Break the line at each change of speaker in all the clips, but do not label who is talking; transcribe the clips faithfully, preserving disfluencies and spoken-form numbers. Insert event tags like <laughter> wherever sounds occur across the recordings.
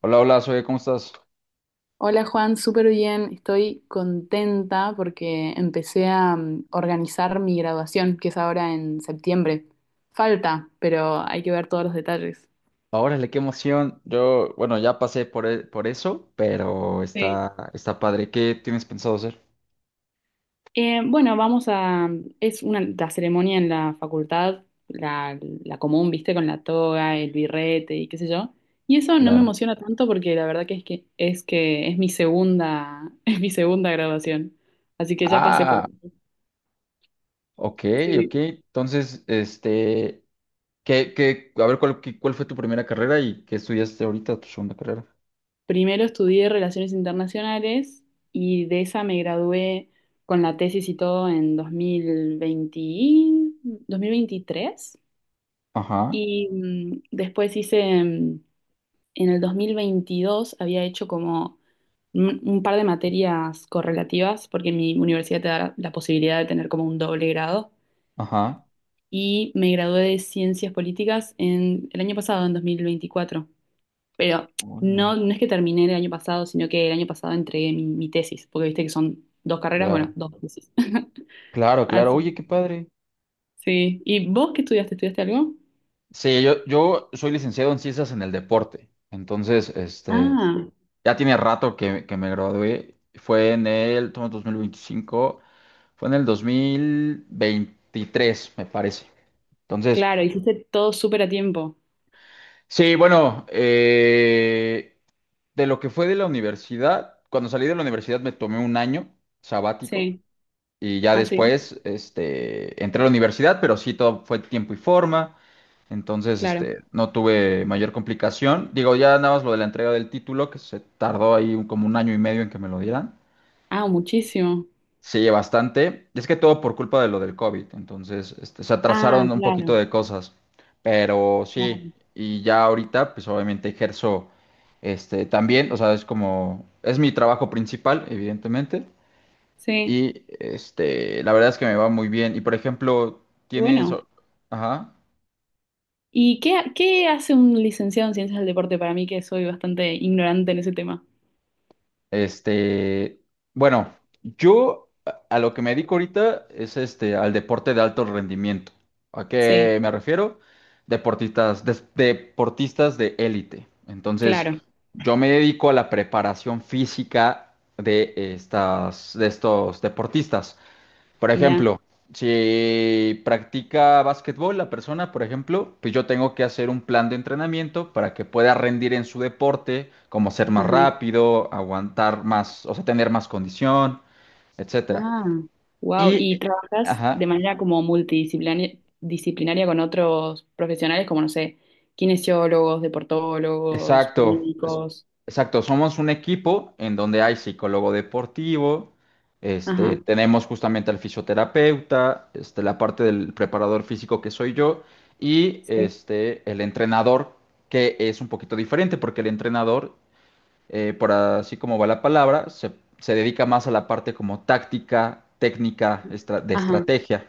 Hola, hola, soy, ¿cómo estás?
Hola Juan, súper bien. Estoy contenta porque empecé a mm, organizar mi graduación, que es ahora en septiembre. Falta, pero hay que ver todos los detalles.
Órale, qué emoción. Yo, bueno, ya pasé por, e- por eso, pero
Sí.
está, está padre. ¿Qué tienes pensado hacer?
Eh, bueno, vamos a... mm, Es una, la ceremonia en la facultad, la, la común, viste, con la toga, el birrete y qué sé yo. Y eso no me
Claro.
emociona tanto porque la verdad que es que es que es mi segunda, <laughs> es mi segunda graduación. Así que ya pasé por
Ah,
eso.
ok, ok.
Sí.
Entonces, este, ¿qué, qué, a ver, cuál, qué- ¿cuál fue tu primera carrera y qué estudiaste ahorita, tu segunda carrera?
Primero estudié Relaciones Internacionales y de esa me gradué con la tesis y todo en dos dos mil veinte, dos mil veintitrés.
Ajá,
Y mm, después hice, mm, en el dos mil veintidós había hecho como un, un par de materias correlativas, porque mi universidad te da la la posibilidad de tener como un doble grado.
ajá.
Y me gradué de Ciencias Políticas en el año pasado, en dos mil veinticuatro. Pero
Órale.
no, no es que terminé el año pasado, sino que el año pasado entregué mi, mi tesis, porque viste que son dos carreras, bueno,
Claro,
dos tesis. <laughs>
claro, claro.
Así,
Oye, qué padre.
sí. ¿Y vos qué estudiaste? ¿Estudiaste algo?
Sí, yo, yo soy licenciado en ciencias en el deporte. Entonces, este,
Ah,
ya tiene rato que, que me gradué. Fue en el, estamos en dos mil veinticinco, fue en el dos mil veintitrés, me parece. Entonces,
claro, hiciste todo súper a tiempo.
sí, bueno, eh, de lo que fue de la universidad, cuando salí de la universidad me tomé un año sabático
Sí.
y ya
Ah, sí,
después, este, entré a la universidad, pero sí, todo fue tiempo y forma. Entonces,
claro.
este, no tuve mayor complicación. Digo, ya nada más lo de la entrega del título, que se tardó ahí un- como un año y medio en que me lo dieran.
Ah, muchísimo.
Sí, bastante. Es que todo por culpa de lo del COVID, entonces este, se
Ah,
atrasaron un poquito
claro,
de cosas, pero sí,
claro.
y ya ahorita pues obviamente ejerzo este también, o sea, es como, es mi trabajo principal, evidentemente,
Sí,
y este, la verdad es que me va muy bien. Y por ejemplo, tienes,
bueno.
ajá.
¿Y qué, qué hace un licenciado en ciencias del deporte para mí, que soy bastante ignorante en ese tema?
Este, bueno, yo a a lo que me dedico ahorita es este al deporte de alto rendimiento. ¿A
Sí,
qué me refiero? Deportistas, des- deportistas de élite. Entonces,
claro.
yo me dedico a la preparación física de estas, de estos deportistas. Por
Mirá.
ejemplo, si practica básquetbol la persona, por ejemplo, pues yo tengo que hacer un plan de entrenamiento para que pueda rendir en su deporte, como ser más
Ajá.
rápido, aguantar más, o sea, tener más condición, etcétera.
Ah, wow.
Y,
¿Y trabajas de
ajá,
manera como multidisciplinaria disciplinaria con otros profesionales como, no sé, kinesiólogos, deportólogos,
exacto, es-
médicos?
exacto. Somos un equipo en donde hay psicólogo deportivo, este,
Ajá,
tenemos justamente al fisioterapeuta, este, la parte del preparador físico que soy yo y
sí.
este, el entrenador que es un poquito diferente porque el entrenador, eh, por así como va la palabra, se, se dedica más a la parte como táctica, técnica, estra- de
Ajá,
estrategia,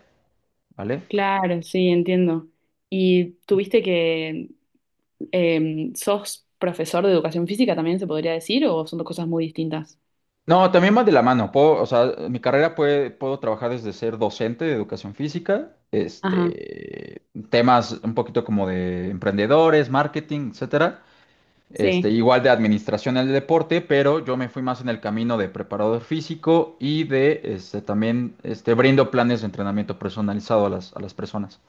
¿vale?
claro, sí, entiendo. ¿Y tuviste que, eh, sos profesor de educación física también, se podría decir, o son dos cosas muy distintas?
No, también va de la mano. Puedo, o sea, mi carrera puede, puedo trabajar desde ser docente de educación física,
Ajá,
este, temas un poquito como de emprendedores, marketing, etcétera. Este,
sí.
igual de administración del deporte, pero yo me fui más en el camino de preparador físico y de este también este brindo planes de entrenamiento personalizado a las, a las personas.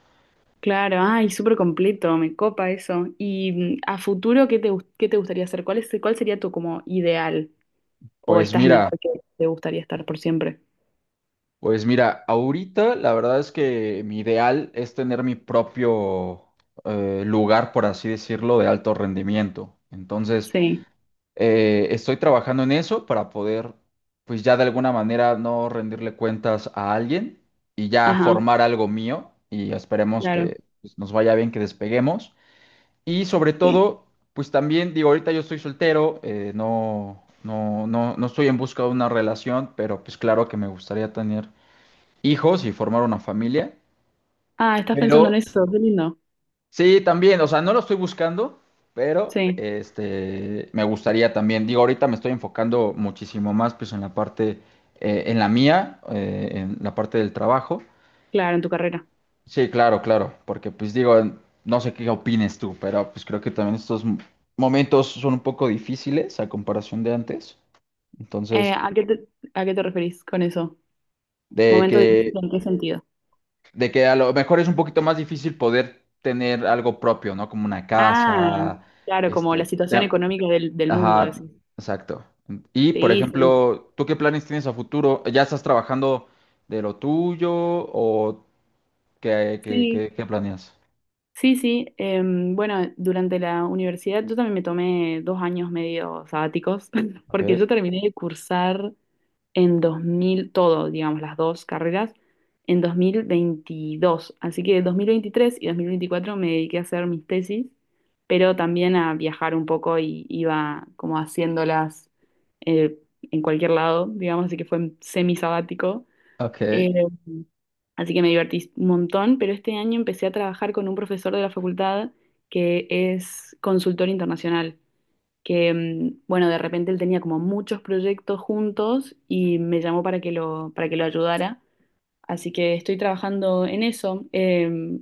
Claro, ay, súper completo, me copa eso. Y mm, a futuro, ¿qué te, gust- qué te gustaría hacer? ¿Cuál es, cuál sería tu como ideal? ¿O
Pues
estás en el
mira,
lugar que te gustaría estar por siempre?
Pues mira, ahorita la verdad es que mi ideal es tener mi propio eh, lugar, por así decirlo, de alto rendimiento. Entonces,
Sí,
eh, estoy trabajando en eso para poder, pues ya de alguna manera no rendirle cuentas a alguien y ya
ajá,
formar algo mío y esperemos
claro,
que pues, nos vaya bien, que despeguemos. Y sobre
sí.
todo, pues también digo, ahorita yo estoy soltero, eh, no, no, no, no estoy en busca de una relación, pero pues claro que me gustaría tener hijos y formar una familia,
Ah, estás pensando en
pero
eso, qué lindo.
sí, también, o sea, no lo estoy buscando, pero
Sí,
este, me gustaría también, digo, ahorita me estoy enfocando muchísimo más pues en la parte, eh, en la mía, eh, en la parte del trabajo.
claro, en tu carrera.
Sí, claro, claro, porque pues digo, no sé qué opines tú, pero pues creo que también estos m- momentos son un poco difíciles a comparación de antes,
Eh,
entonces,
¿a qué te, a qué te referís con eso?
de
¿Momento difícil
que...
en qué sentido?
de que a lo mejor es un poquito más difícil poder tener algo propio, ¿no? Como una
Ah,
casa,
claro, como
este,
la situación
te-
económica del, del mundo,
ajá,
decís.
exacto. Y, por
Sí, sí,
ejemplo, ¿tú qué planes tienes a futuro? ¿Ya estás trabajando de lo tuyo o qué, qué,
sí,
qué, qué planeas?
sí, sí. Em, bueno, durante la universidad yo también me tomé dos años medio sabáticos, <laughs>
Ok,
porque yo terminé de cursar en dos mil todo, digamos, las dos carreras, en dos mil veintidós. Así que dos mil veintitrés y dos mil veinticuatro me dediqué a hacer mis tesis, pero también a viajar un poco y iba como haciéndolas eh, en cualquier lado, digamos, así que fue semi sabático.
ok,
Así que me divertí un montón, pero este año empecé a trabajar con un profesor de la facultad que es consultor internacional, que, mm, bueno, de repente él tenía como muchos proyectos juntos y me llamó para que lo, para que lo ayudara. Así que estoy trabajando en eso. Eh,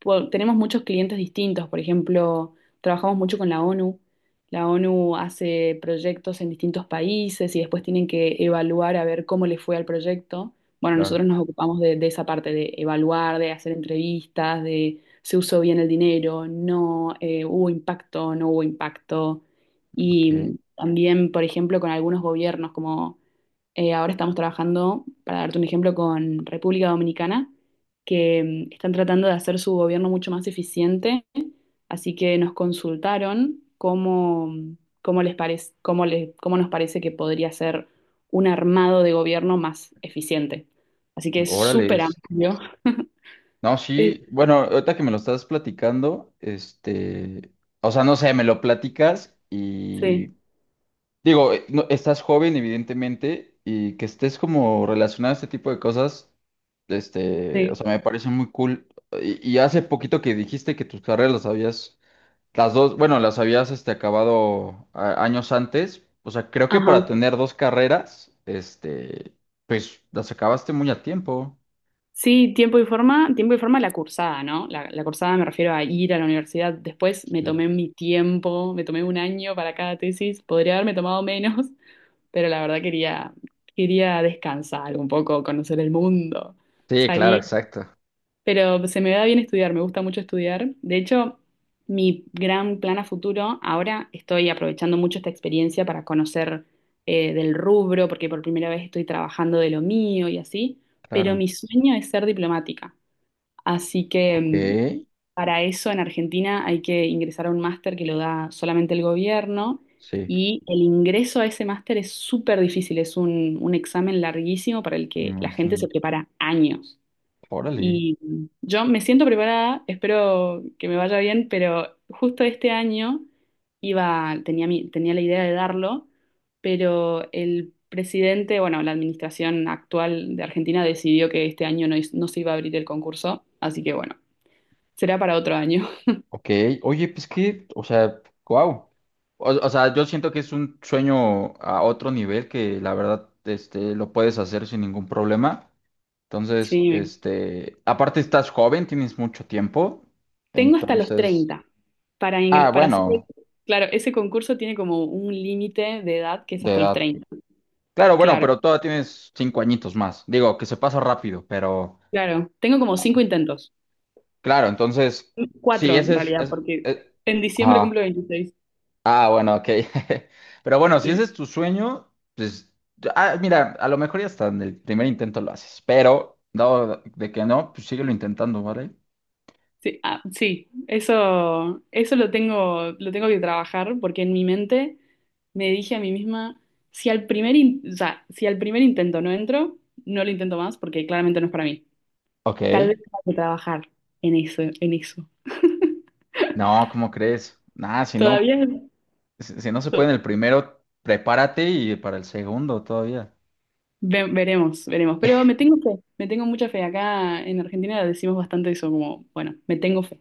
po- tenemos muchos clientes distintos, por ejemplo, trabajamos mucho con la O N U. La O N U hace proyectos en distintos países y después tienen que evaluar a ver cómo le fue al proyecto. Bueno,
claro,
nosotros nos ocupamos de, de esa parte, de evaluar, de hacer entrevistas, de se usó bien el dinero, no eh, hubo impacto, no hubo impacto.
ok.
Y también, por ejemplo, con algunos gobiernos como eh, ahora estamos trabajando, para darte un ejemplo, con República Dominicana, que mm, están tratando de hacer su gobierno mucho más eficiente, así que nos consultaron cómo, mm, cómo les parece, cómo le- cómo nos parece que podría ser un armado de gobierno más eficiente. Así que es
Órale.
súper amplio.
No,
Eh,
sí, bueno, ahorita que me lo estás platicando, este, o sea, no sé, me lo platicas y
sí,
digo, eh, no- estás joven, evidentemente, y que estés como relacionado a este tipo de cosas, este, o
sí.
sea, me parece muy cool. Y, y hace poquito que dijiste que tus carreras las habías, las dos, bueno, las habías, este, acabado a- años antes. O sea, creo que
Ajá.
para tener dos carreras, este, pues las acabaste muy a tiempo.
Sí, tiempo y forma, tiempo y forma la cursada, ¿no? La, la cursada me refiero a ir a la universidad. Después me
Sí.
tomé mi tiempo, me tomé un año para cada tesis. Podría haberme tomado menos, <laughs> pero la verdad quería, quería descansar un poco, conocer el mundo,
Sí, claro,
salir.
exacto.
Pero se me da bien estudiar, me gusta mucho estudiar. De hecho, mi gran plan a futuro, ahora estoy aprovechando mucho esta experiencia para conocer eh, del rubro, porque por primera vez estoy trabajando de lo mío y así. Pero
Claro.
mi sueño es ser diplomática. Así que
Ok,
mm, para eso en Argentina hay que ingresar a un máster que lo da solamente el gobierno
sí,
y el ingreso a ese máster es súper difícil, es un, un examen larguísimo para el
me
que la gente se
imagino.
prepara años.
Órale.
Y mm, yo me siento preparada, espero que me vaya bien, pero justo este año iba, tenía, mi- tenía la idea de darlo, pero el presidente, bueno, la administración actual de Argentina decidió que este año no, is- no se iba a abrir el concurso, así que bueno. Será para otro año. <laughs>
Ok, oye, pues que, o sea, wow. O, o sea, yo siento que es un sueño a otro nivel que la verdad, este, lo puedes hacer sin ningún problema. Entonces,
Sí.
este, aparte estás joven, tienes mucho tiempo.
Tengo hasta los
Entonces,
treinta para
ah,
ingre- para hacer.
bueno,
Claro, ese concurso tiene como un límite de edad que es
de
hasta los
edad.
treinta.
Claro, bueno,
Claro,
pero todavía tienes cinco añitos más. Digo, que se pasa rápido, pero
claro. Tengo como cinco
ah,
intentos.
claro, entonces, sí,
Cuatro
ese
en
es,
realidad,
es,
porque
es-
en diciembre
ajá.
cumplo veintiséis.
Ah, bueno, ok. <laughs> Pero bueno, si ese
Sí.
es tu sueño, pues, ah, mira, a lo mejor ya hasta en el primer intento lo haces, pero dado de que no, pues síguelo intentando, ¿vale?
Sí, ah, sí. Eso, eso lo tengo, lo tengo, que trabajar porque en mi mente me dije a mí misma, si al primer, in- o sea, si al primer intento no entro, no lo intento más porque claramente no es para mí.
Ok.
Tal vez hay que trabajar en eso, en eso.
No, ¿cómo crees? Nada, si no,
Todavía no-
si si no se puede en el primero, prepárate y para el segundo todavía.
ve- veremos, veremos. Pero me tengo fe, me tengo mucha fe. Acá en Argentina decimos bastante eso, como, bueno, me tengo fe.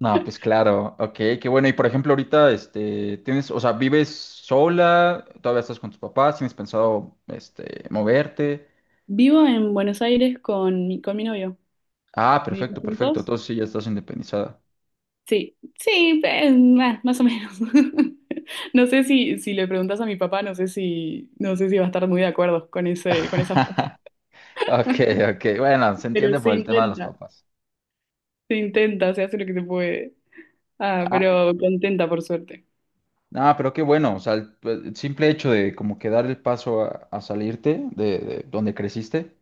No, pues claro, ok, qué bueno. Y por ejemplo, ahorita, este, tienes, o sea, ¿vives sola? ¿Todavía estás con tus papás? ¿Tienes pensado, este, moverte?
Vivo en Buenos Aires con mi, con mi novio.
Ah,
¿Vivimos
perfecto, perfecto.
juntos?
Entonces sí, ya estás independizada.
Sí, sí, eh, más, más o menos. <laughs> No sé si, si le preguntas a mi papá, no sé si, no sé si va a estar muy de acuerdo con ese, con esa frase.
<laughs> Ok, ok. Bueno, se
Pero
entiende
se
por el tema de los
intenta,
papás.
se intenta, se hace lo que se puede. Ah,
Ah,
pero contenta por suerte.
no, pero qué bueno. O sea, el, pues, el simple hecho de como que dar el paso a, a salirte de, de donde creciste.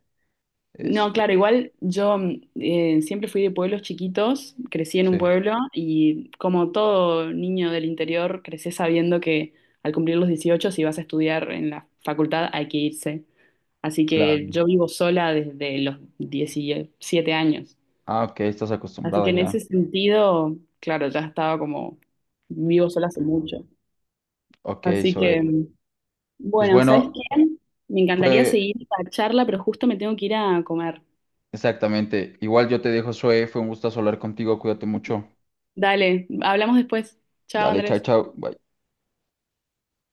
No, claro,
Este,
igual yo mm, eh, siempre fui de pueblos chiquitos, crecí en un
sí,
pueblo y como todo niño del interior, crecí sabiendo que al cumplir los dieciocho si vas a estudiar en la facultad, hay que irse. Así
claro.
que yo vivo sola desde los diecisiete años.
Ah, ok, estás
Así
acostumbrada
que en
ya.
ese sentido, claro, ya estaba como vivo sola hace mucho.
Ok,
Así
Zoe.
que, mm,
Pues
bueno, ¿sabes
bueno,
qué? Me encantaría
fue
seguir esta charla, pero justo me tengo que ir a comer.
exactamente. Igual yo te dejo, Zoe. Fue un gusto hablar contigo. Cuídate mucho.
Dale, hablamos después. Chao,
Dale, chao,
Andrés.
chao. Bye.